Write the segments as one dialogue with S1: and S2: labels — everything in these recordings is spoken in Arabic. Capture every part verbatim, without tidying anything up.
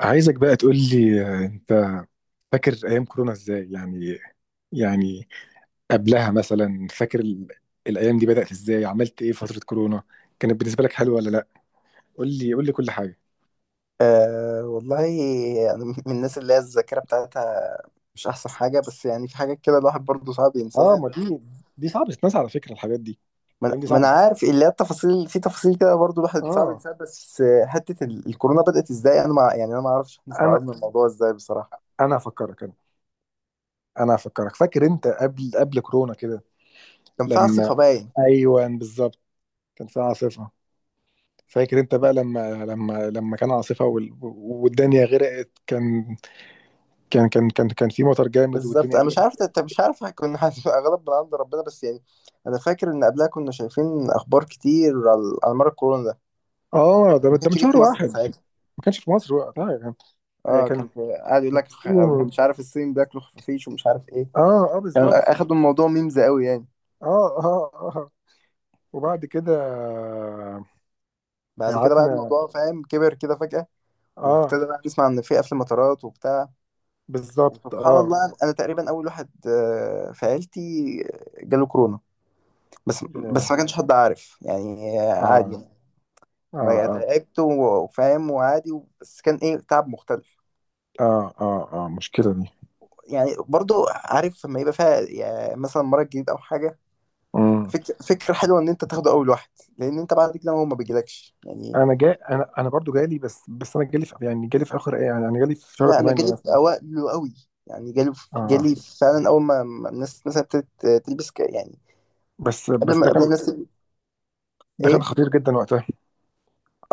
S1: عايزك بقى تقول لي، آه، انت فاكر ايام كورونا ازاي؟ يعني يعني قبلها مثلا، فاكر ال... الايام دي بدأت ازاي؟ عملت ايه في فترة كورونا؟ كانت بالنسبة لك حلوة ولا لا؟ قول لي قول لي كل حاجة.
S2: أه والله، أنا من الناس اللي هي الذاكرة بتاعتها مش أحسن حاجة، بس يعني في حاجات كده الواحد برضه صعب
S1: اه،
S2: ينساها.
S1: ما دي دي صعبة تتنسى على فكرة، الحاجات دي.
S2: ما أنا
S1: الايام دي
S2: ما أنا
S1: صعبة.
S2: عارف اللي هي التفاصيل في تفاصيل كده برضه الواحد صعب
S1: اه.
S2: ينساها، بس آه، حتة ال- الكورونا بدأت إزاي؟ أنا ما يعني أنا ما أعرفش إحنا
S1: انا
S2: استوعبنا الموضوع إزاي بصراحة.
S1: انا هفكرك. انا انا هفكرك، فاكر انت قبل قبل كورونا كده
S2: كان في
S1: لما
S2: عاصفة باين.
S1: ايوه، بالظبط، كان في عاصفة. فاكر انت بقى لما لما لما كان عاصفة وال... والدنيا غرقت. كان كان كان كان كان في مطر جامد
S2: بالظبط
S1: والدنيا
S2: أنا مش
S1: غرقت.
S2: عارف، أنت مش عارف كنا هتبقى غلط من عند ربنا، بس يعني أنا فاكر إن قبلها كنا شايفين أخبار كتير على على مر الكورونا ده،
S1: اه، ده
S2: ما
S1: ده من
S2: كانش جه
S1: شهر
S2: في مصر
S1: واحد.
S2: ساعتها.
S1: ما كانش في مصر وقتها. كان، آه،
S2: اه،
S1: كان
S2: كان في- قاعد يقول
S1: كان في
S2: لك خ-
S1: الصين و-
S2: مش عارف، الصين بياكلوا خفافيش ومش عارف ايه.
S1: اه اه،
S2: كان
S1: بالظبط. اه.
S2: اخدوا الموضوع ميمز قوي يعني.
S1: اه اه آه. وبعد كده آه،
S2: بعد كده بقى
S1: قعدنا.
S2: الموضوع فاهم كبر كده فجأة،
S1: اه،
S2: وابتدى بقى نسمع ان في قفل مطارات وبتاع.
S1: بالظبط.
S2: وسبحان
S1: اه.
S2: الله، انا تقريبا اول واحد آه، في عيلتي آه، جاله كورونا. بس بس
S1: يا-
S2: ما كانش حد عارف يعني آه،
S1: اه.
S2: عادي يعني.
S1: اه
S2: انا
S1: اه
S2: تعبت و- وفاهم وعادي، بس كان ايه تعب مختلف.
S1: اه اه اه مشكلة دي.
S2: يعني برضو عارف لما يبقى فيها يعني مثلا مرض جديد او حاجة.
S1: مم.
S2: فكرة فكرة حلوة إن أنت تاخده أول واحد، لأن أنت بعد كده هو ما بيجيلكش يعني.
S1: انا جاي. انا انا برضو جالي، بس بس انا جالي في، يعني جالي في اخر ايه، يعني انا جالي في شهر
S2: لا أنا
S1: تمانية
S2: جالي في
S1: مثلا.
S2: أوائله قوي، يعني جالي
S1: اه.
S2: جالي فعلا أول ما ما الناس مثلا ابتدت تلبس ك- يعني،
S1: بس
S2: قبل
S1: بس
S2: ما
S1: ده
S2: قبل
S1: كان،
S2: الناس تل-
S1: ده كان
S2: إيه؟
S1: خطير جدا وقتها.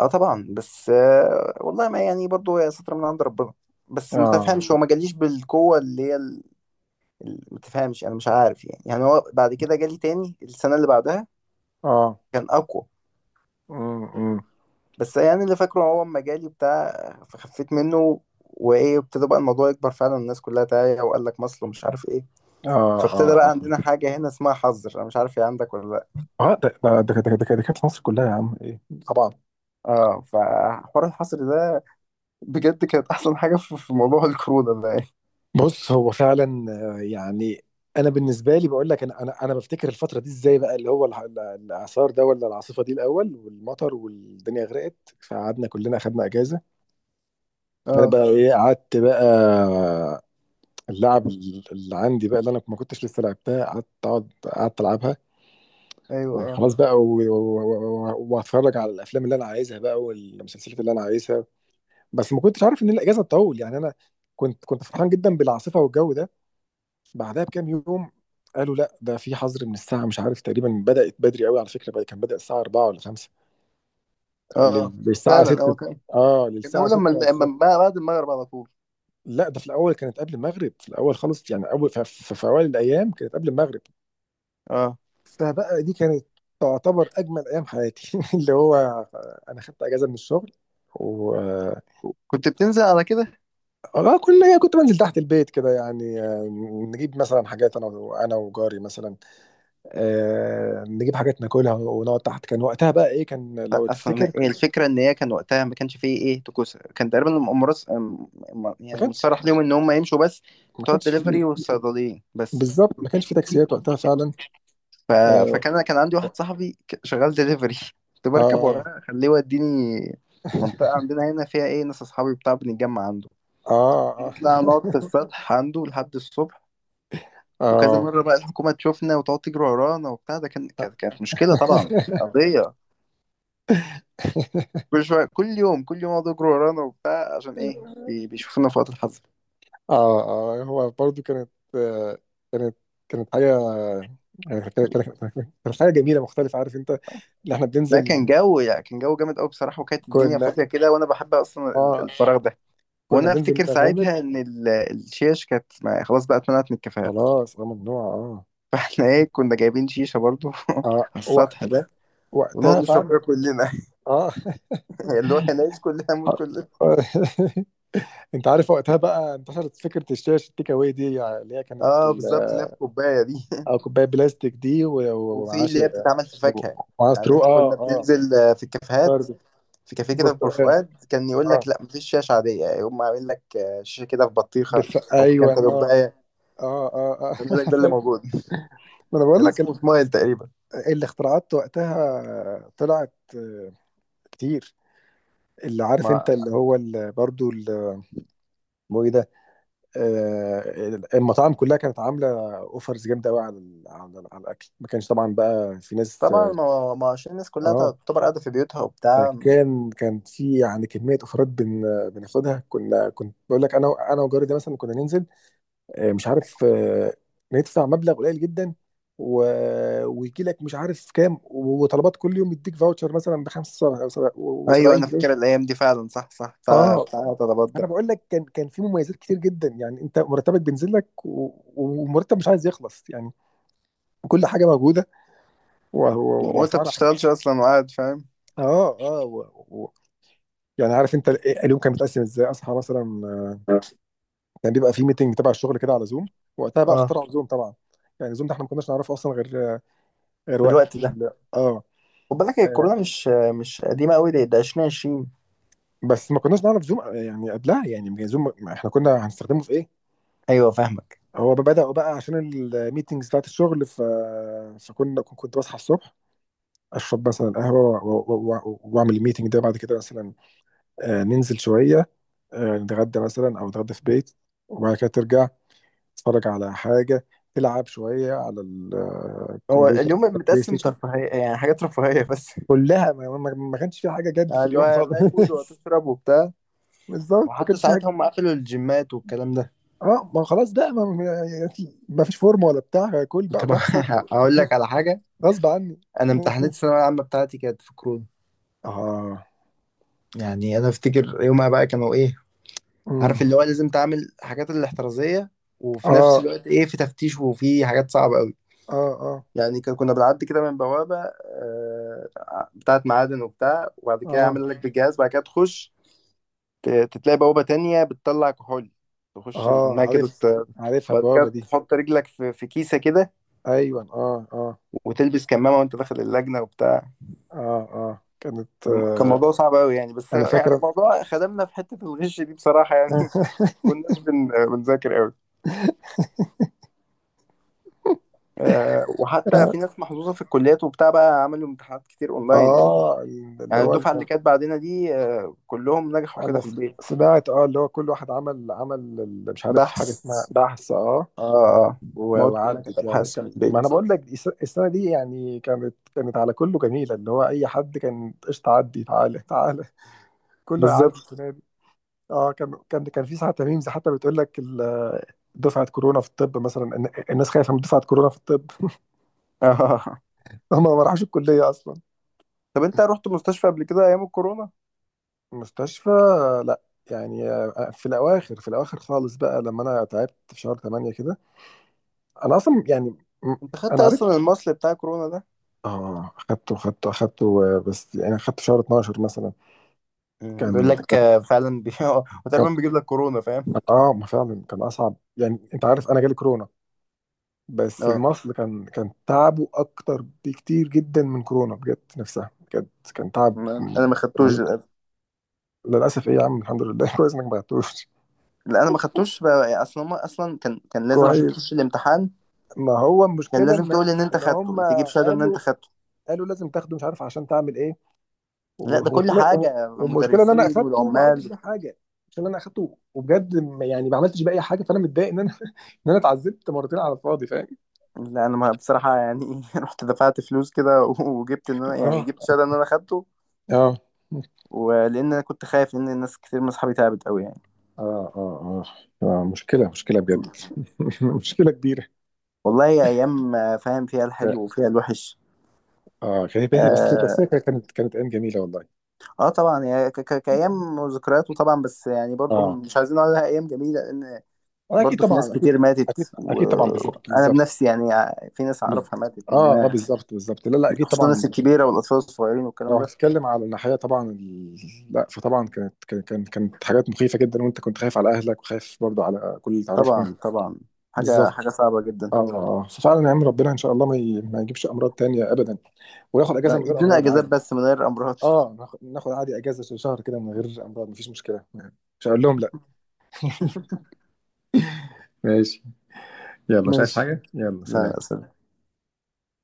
S2: أه طبعا، بس آه والله ما يعني، برضه هي ستر من عند ربنا، بس ما
S1: اه
S2: تفهمش هو ما جاليش بالقوة اللي هي ال- ال- ما تفهمش. أنا مش عارف يعني، يعني هو بعد كده جالي تاني السنة اللي بعدها
S1: اه.
S2: كان أقوى.
S1: مم، مم.
S2: بس يعني اللي فاكره هو اما جالي بتاع فخفيت منه، وايه ابتدى بقى الموضوع يكبر فعلا، الناس كلها تعالى وقال لك مصل ومش عارف ايه.
S1: اه
S2: فابتدى بقى
S1: اه
S2: عندنا حاجة هنا اسمها حظر، انا مش عارف هي عندك ولا لا.
S1: اه اه ده ده ده ده ده- ده كانت مصر كلها يا عم ايه، طبعا.
S2: اه، فحوار الحظر ده بجد كانت احسن حاجة في في موضوع الكورونا ده يعني.
S1: بص، هو فعلا، آه، يعني انا بالنسبه لي بقول لك، انا انا انا بفتكر الفتره دي ازاي بقى، اللي هو الع- الع- الاعصار ده ولا العاصفه دي الاول، والمطر والدنيا غرقت، فقعدنا كلنا اخدنا اجازه. فانا
S2: اه
S1: بقى ايه، قعدت بقى اللعب اللي عندي بقى، اللي انا ما كنتش لسه لعبتها، قعدت اقعد قعدت العبها.
S2: ايوه، اه
S1: وخلاص بقى، و- و- و- و- واتفرج على الافلام اللي انا عايزها بقى والمسلسلات اللي انا عايزها. بس ما كنتش عارف ان الاجازه تطول، يعني انا كنت كنت فرحان جدا بالعاصفه والجو ده. بعدها بكام يوم، قالوا لا، ده في حظر من الساعه مش عارف، تقريبا بدات بدري قوي على فكره بقى- كان بدا الساعه اربعة ولا خمسة
S2: اه
S1: لل- للساعه
S2: فعلا.
S1: ستة.
S2: هو كان،
S1: اه،
S2: كان
S1: للساعه
S2: اول لما
S1: ستة
S2: الم-
S1: الصبح.
S2: لما- بعد المغرب على طول.
S1: لا، ده في الاول كانت قبل المغرب، في الاول خالص يعني، اول في، في, في اوائل الايام كانت قبل المغرب.
S2: اه،
S1: فبقى دي كانت تعتبر اجمل ايام حياتي اللي هو، انا خدت اجازه من الشغل و...
S2: كنت بتنزل على كده.
S1: اه، كل، كنت بنزل تحت البيت كده يعني، آه، نجيب مثلا حاجات، انا و- انا وجاري مثلا، آه، نجيب حاجات ناكلها ونقعد تحت. كان وقتها بقى ايه كان لو
S2: اصلا
S1: تفتكر،
S2: إيه الفكره؟ ان هي كان وقتها ما كانش فيه ايه طقوس، كان تقريبا المؤامرات، أم- م-
S1: ما
S2: يعني
S1: كانش،
S2: متصرح ليهم ان هم يمشوا بس،
S1: ما
S2: بتوع
S1: كانش
S2: الدليفري
S1: فيه،
S2: والصيدليين بس.
S1: بالظبط، ما كانش فيه تاكسيات وقتها فعلا.
S2: ف...
S1: اه.
S2: فكان انا كان عندي واحد صاحبي ك- شغال دليفري كنت بركب
S1: اه
S2: وراه اخليه يوديني منطقه عندنا هنا، فيها ايه ناس اصحابي بتاع بنتجمع عنده،
S1: اه
S2: نطلع نقعد في السطح عنده لحد الصبح. وكذا
S1: اه
S2: مره بقى الحكومه تشوفنا وتقعد تجري ورانا وبتاع، ده كان كانت كانت مشكله طبعا، قضيه. كل شويه، كل يوم كل يوم يقعدوا يجروا ورانا وبتاع، عشان ايه
S1: اه
S2: بي- بيشوفونا في وقت الحظ.
S1: اه. اه، هو برضو كانت، آه، كانت، كانت حاجة يعني، كانت كانت- كانت حاجة جميلة مختلفة، عارف انت، اللي احنا
S2: لا،
S1: بننزل.
S2: كان جو، يعني كان جو جامد قوي بصراحه، وكانت الدنيا
S1: كنا،
S2: فاضيه كده، وانا بحب اصلا ال-
S1: اه،
S2: الفراغ ده.
S1: كنا
S2: وانا
S1: بننزل
S2: افتكر
S1: نغامر.
S2: ساعتها ان ال- الشيش كانت ما- خلاص بقى اتمنعت من الكافيهات
S1: خلاص، اه، ممنوع، اه.
S2: فاحنا ايه كنا جايبين شيشه برضو على
S1: اه وق-
S2: السطح ده، ونقعد
S1: وقتها
S2: نشرب
S1: فعلا.
S2: فيها كلنا
S1: اه
S2: اللي هو هنعيش كلنا نموت كلنا.
S1: انت عارف وقتها بقى انتشرت فكره الشاشه التيك اواي دي يعني، اللي هي كانت
S2: اه
S1: ال-
S2: بالظبط، اللي هي في كوبايه دي
S1: آه، كوبايه بلاستيك دي، و- و-
S2: وفي
S1: ومعاها، ش-
S2: اللي هي بتتعمل في فاكهه.
S1: ومعاها
S2: يعني
S1: سترو
S2: احنا
S1: اه
S2: كنا
S1: اه،
S2: بننزل آه، في الكافيهات.
S1: برضه،
S2: في كافيه كده في بور
S1: برتقال،
S2: فؤاد كان يقول
S1: اه،
S2: لك لا مفيش شاشه عاديه، يقوم عامل لك آه، شاشه كده في بطيخه
S1: بالف...
S2: او في كام
S1: ايوه، اه
S2: كوبايه،
S1: اه اه اه انا
S2: يقول لك ده اللي
S1: فاكر.
S2: موجود.
S1: ما انا بقول
S2: كان
S1: لك ال-
S2: اسمه سمايل تقريبا.
S1: الاختراعات وقتها طلعت، آه، كتير، اللي عارف انت
S2: ما
S1: اللي هو ال- برضه ال- اسمه ايه ده، آه، المطاعم كلها كانت عامله اوفرز جامده قوي على ال- على ال- على الاكل. ما كانش طبعا بقى في ناس،
S2: طبعا، ما, ما عشان الناس كلها
S1: اه،
S2: تعتبر قاعدة في بيوتها وبتاع.
S1: فكان، كان في يعني كميه اوفرات بن، بناخدها، كنا، كنت بقول لك انا و- انا وجاري ده مثلا، كنا ننزل، آه، مش عارف، آه، ندفع مبلغ قليل جدا و... ويجي لك مش عارف كام وطلبات كل يوم، يديك فاوتشر مثلا ب
S2: ايوه
S1: 75
S2: انا
S1: جنيه
S2: فاكر الايام دي فعلا، صح صح، بتاع
S1: اه.
S2: بتاع طلبات
S1: انا
S2: ده.
S1: بقول لك كان، كان في مميزات كتير جدا، يعني انت مرتبك بينزل لك، و- ومرتب مش عايز يخلص يعني. كل حاجه موجوده و- و-
S2: وانت
S1: واسعارها.
S2: بتشتغلش اصلا وقاعد فاهم.
S1: اه اه و... و... يعني عارف انت ال- اليوم كان متقسم ازاي. اصحى مثلا، آه، كان بيبقى في ميتنج تبع الشغل كده على زوم. وقتها بقى
S2: اه،
S1: اخترعوا زوم طبعا. يعني زوم ده احنا ما كناش نعرفه اصلا غير غير
S2: في الوقت
S1: وقت
S2: ده
S1: ال- اه،
S2: خد بالك هي
S1: آه،
S2: الكورونا مش مش قديمة قوي، دي ده الفين وعشرين.
S1: بس ما كناش نعرف زوم يعني قبلها، يعني ما كان زوم، ما احنا كنا هنستخدمه في ايه؟
S2: ايوه فاهمك.
S1: هو بدأوا بقى عشان الميتنجز بتاعت الشغل ف... فكنا، كنت بصحى الصبح، اشرب مثلا قهوه و- و- و- واعمل الميتنج ده. بعد كده مثلا، آه، ننزل شويه، آه، نتغدى مثلا او نتغدى في بيت، وبعد كده ترجع تتفرج على حاجه، تلعب شويه على ال- آه،
S2: هو
S1: الكمبيوتر،
S2: اليوم
S1: بلاي
S2: متقسم
S1: ستيشن.
S2: ترفيهية، يعني حاجات رفاهية بس
S1: كلها، ما, ما, ما كانش في حاجه جد
S2: يعني
S1: في
S2: اللي هو
S1: اليوم خالص
S2: هتاكل وهتشرب وبتاع.
S1: بالظبط، ما
S2: وحتى
S1: كانش في حاجه.
S2: ساعتها هم قفلوا الجيمات والكلام ده.
S1: اه، ما خلاص بقى، ما, ما, يعني ما فيش فورمه ولا بتاع، كل بقى
S2: طب
S1: براحتك.
S2: اقول لك على حاجة،
S1: غصب عني.
S2: انا امتحانات الثانوية العامة بتاعتي كانت في كورونا.
S1: اه.
S2: يعني انا افتكر يومها بقى كانوا ايه، عارف
S1: أمم.
S2: اللي هو لازم تعمل حاجات الاحترازيه، وفي نفس
S1: اه
S2: الوقت ايه، في تفتيش وفي حاجات صعبه قوي.
S1: اه اه.
S2: يعني كان- كنا بنعدي كده من بوابه آه، بتاعه معادن وبتاع، وبعد كده
S1: اه
S2: يعمل لك بالجهاز، بعد كده تخش، ت- تتلاقي بوابه تانية بتطلع كحول، تخش
S1: اه،
S2: منها كده
S1: عارف،
S2: ت-
S1: عارفها
S2: بعد
S1: البوابه
S2: كده
S1: دي.
S2: تحط رجلك في في كيسه كده،
S1: ايوه، اه اه.
S2: وتلبس كمامه وانت داخل اللجنه وبتاع.
S1: اه اه، كانت،
S2: كان
S1: آه.
S2: موضوع صعب قوي يعني، بس
S1: انا
S2: يعني
S1: فاكره.
S2: موضوع خدمنا في حته الغش دي بصراحه يعني كناش بن- بنذاكر قوي، آه، وحتى في ناس محظوظة في الكليات وبتاع بقى عملوا امتحانات كتير اونلاين يعني.
S1: اه، اللي
S2: يعني
S1: هو، اللي
S2: الدفعة اللي
S1: كان،
S2: كانت بعدنا دي آه، كلهم نجحوا كده
S1: انا
S2: في
S1: س-
S2: البيت.
S1: سمعت، اه، اللي هو كل واحد عمل، عمل ال- مش عارف حاجه
S2: بحث،
S1: اسمها بحث. اه
S2: اه اه.
S1: و-
S2: المواد كلها كانت
S1: وعدت يعني،
S2: ابحاث من
S1: ك- ما انا
S2: البيت.
S1: بقول لك الس- السنه دي يعني كانت كانت على كله جميله، اللي هو اي حد كان قشطه عدي، تعالى تعالى. كله هيعدي
S2: بالظبط
S1: السنه دي. اه، كان كان كان في ساعات ميمز حتى بتقول لك ال- دفعه كورونا في الطب مثلا، الن- الناس خايفه من دفعه كورونا في الطب.
S2: اه.
S1: هم ما راحوش الكليه اصلا.
S2: طب انت رحت مستشفى قبل كده ايام الكورونا؟
S1: مستشفى. لا، يعني، آه، في الاواخر، في الاواخر خالص بقى لما انا تعبت في شهر تمانية كده. انا اصلا يعني م-
S2: انت خدت
S1: انا عرفت.
S2: اصلا المصل بتاع كورونا ده؟
S1: اه، خدته خدته خدته، آه، بس يعني خدته شهر اتناشر مثلا.
S2: مم، بيقول
S1: كان،
S2: لك آه، فعلا بي...
S1: كان.
S2: وتقريبا بيجيب لك كورونا فاهم.
S1: اه، ما فعلا كان اصعب، يعني انت عارف انا جالي كورونا، بس
S2: اه،
S1: المصل كان، كان تعبه اكتر بكتير جدا من كورونا بجد، نفسها بجد. كان تعب
S2: ما-
S1: م-
S2: انا ما خدتوش
S1: رهيب.
S2: للأسف.
S1: للاسف ايه يا عم، الحمد لله كويس انك ما بعتوش.
S2: لا انا ما خدتوش بقى اصلا، هما اصلا كان كان لازم عشان
S1: كويس.
S2: تخش الامتحان،
S1: ما هو
S2: كان
S1: المشكله
S2: لازم
S1: ان،
S2: تقول ان انت
S1: ان
S2: خدته
S1: هم
S2: وتجيب شهاده ان
S1: قالوا،
S2: انت خدته.
S1: قالوا لازم تاخده، مش عارف عشان تعمل ايه، و-
S2: لا، ده كل
S1: وخنا- و-
S2: حاجة
S1: والمشكله ان انا
S2: المدرسين
S1: اخدته وما عملتش
S2: والعمال.
S1: بيه حاجه. عشان انا اخدته، وبجد ما، يعني ما عملتش بيه اي حاجه، فانا متضايق ان انا ان انا اتعذبت مرتين على الفاضي، فاهم.
S2: لا أنا ما بصراحة يعني رحت دفعت فلوس كده وجبت إن أنا، يعني
S1: اه
S2: جبت شهادة إن أنا خدته.
S1: اه
S2: ولأن أنا كنت خايف لأن الناس كتير من أصحابي تعبت أوي يعني.
S1: اه اه اه، آه، مشكلة، مشكلة بجد مشكلة كبيرة.
S2: والله هي أيام آه، فاهم، فيها الحلو
S1: ك-
S2: وفيها الوحش.
S1: اه، كانت باهي، بس بس هي
S2: آه,
S1: كانت كانت ايام جميلة والله.
S2: آه طبعا، هي ك- ك- كأيام وذكريات، وطبعا بس يعني برضو
S1: اه،
S2: مش عايزين نقول عليها أيام جميلة، لأن
S1: آه، اكيد،
S2: برضو في ناس
S1: طبعا
S2: كتير
S1: اكيد.
S2: ماتت،
S1: اكيد اكيد طبعا، بالظبط
S2: وأنا
S1: بالظبط.
S2: بنفسي يعني في ناس
S1: بال-
S2: أعرفها ماتت
S1: اه اه،
S2: منها،
S1: بالظبط بالظبط، لا لا اكيد
S2: خصوصا الناس
S1: طبعا.
S2: الكبيرة والأطفال الصغيرين
S1: لو
S2: والكلام ده.
S1: هتتكلم على الناحية طبعا ال... لا، فطبعا كانت كانت كانت كانت حاجات مخيفة جدا، وانت كنت خايف على اهلك، وخايف برضو على كل اللي تعرفهم.
S2: طبعا طبعا، حاجة حاجة
S1: بالظبط.
S2: صعبة جدا.
S1: اه. آه. آه. ففعلا يا عم، ربنا ان شاء الله، ما, ي... ما يجيبش امراض تانية ابدا، وناخد اجازة
S2: آه،
S1: من غير
S2: ادونا
S1: امراض
S2: اجازات
S1: عادي.
S2: بس من غير امراض
S1: اه، ناخد ناخد عادي اجازة، ش- شهر كده من غير امراض، مفيش مشكلة. مش هقول لهم لا. ماشي. يلا، مش عايز
S2: ماشي،
S1: حاجة، يلا
S2: لا
S1: سلام.
S2: لا سلام.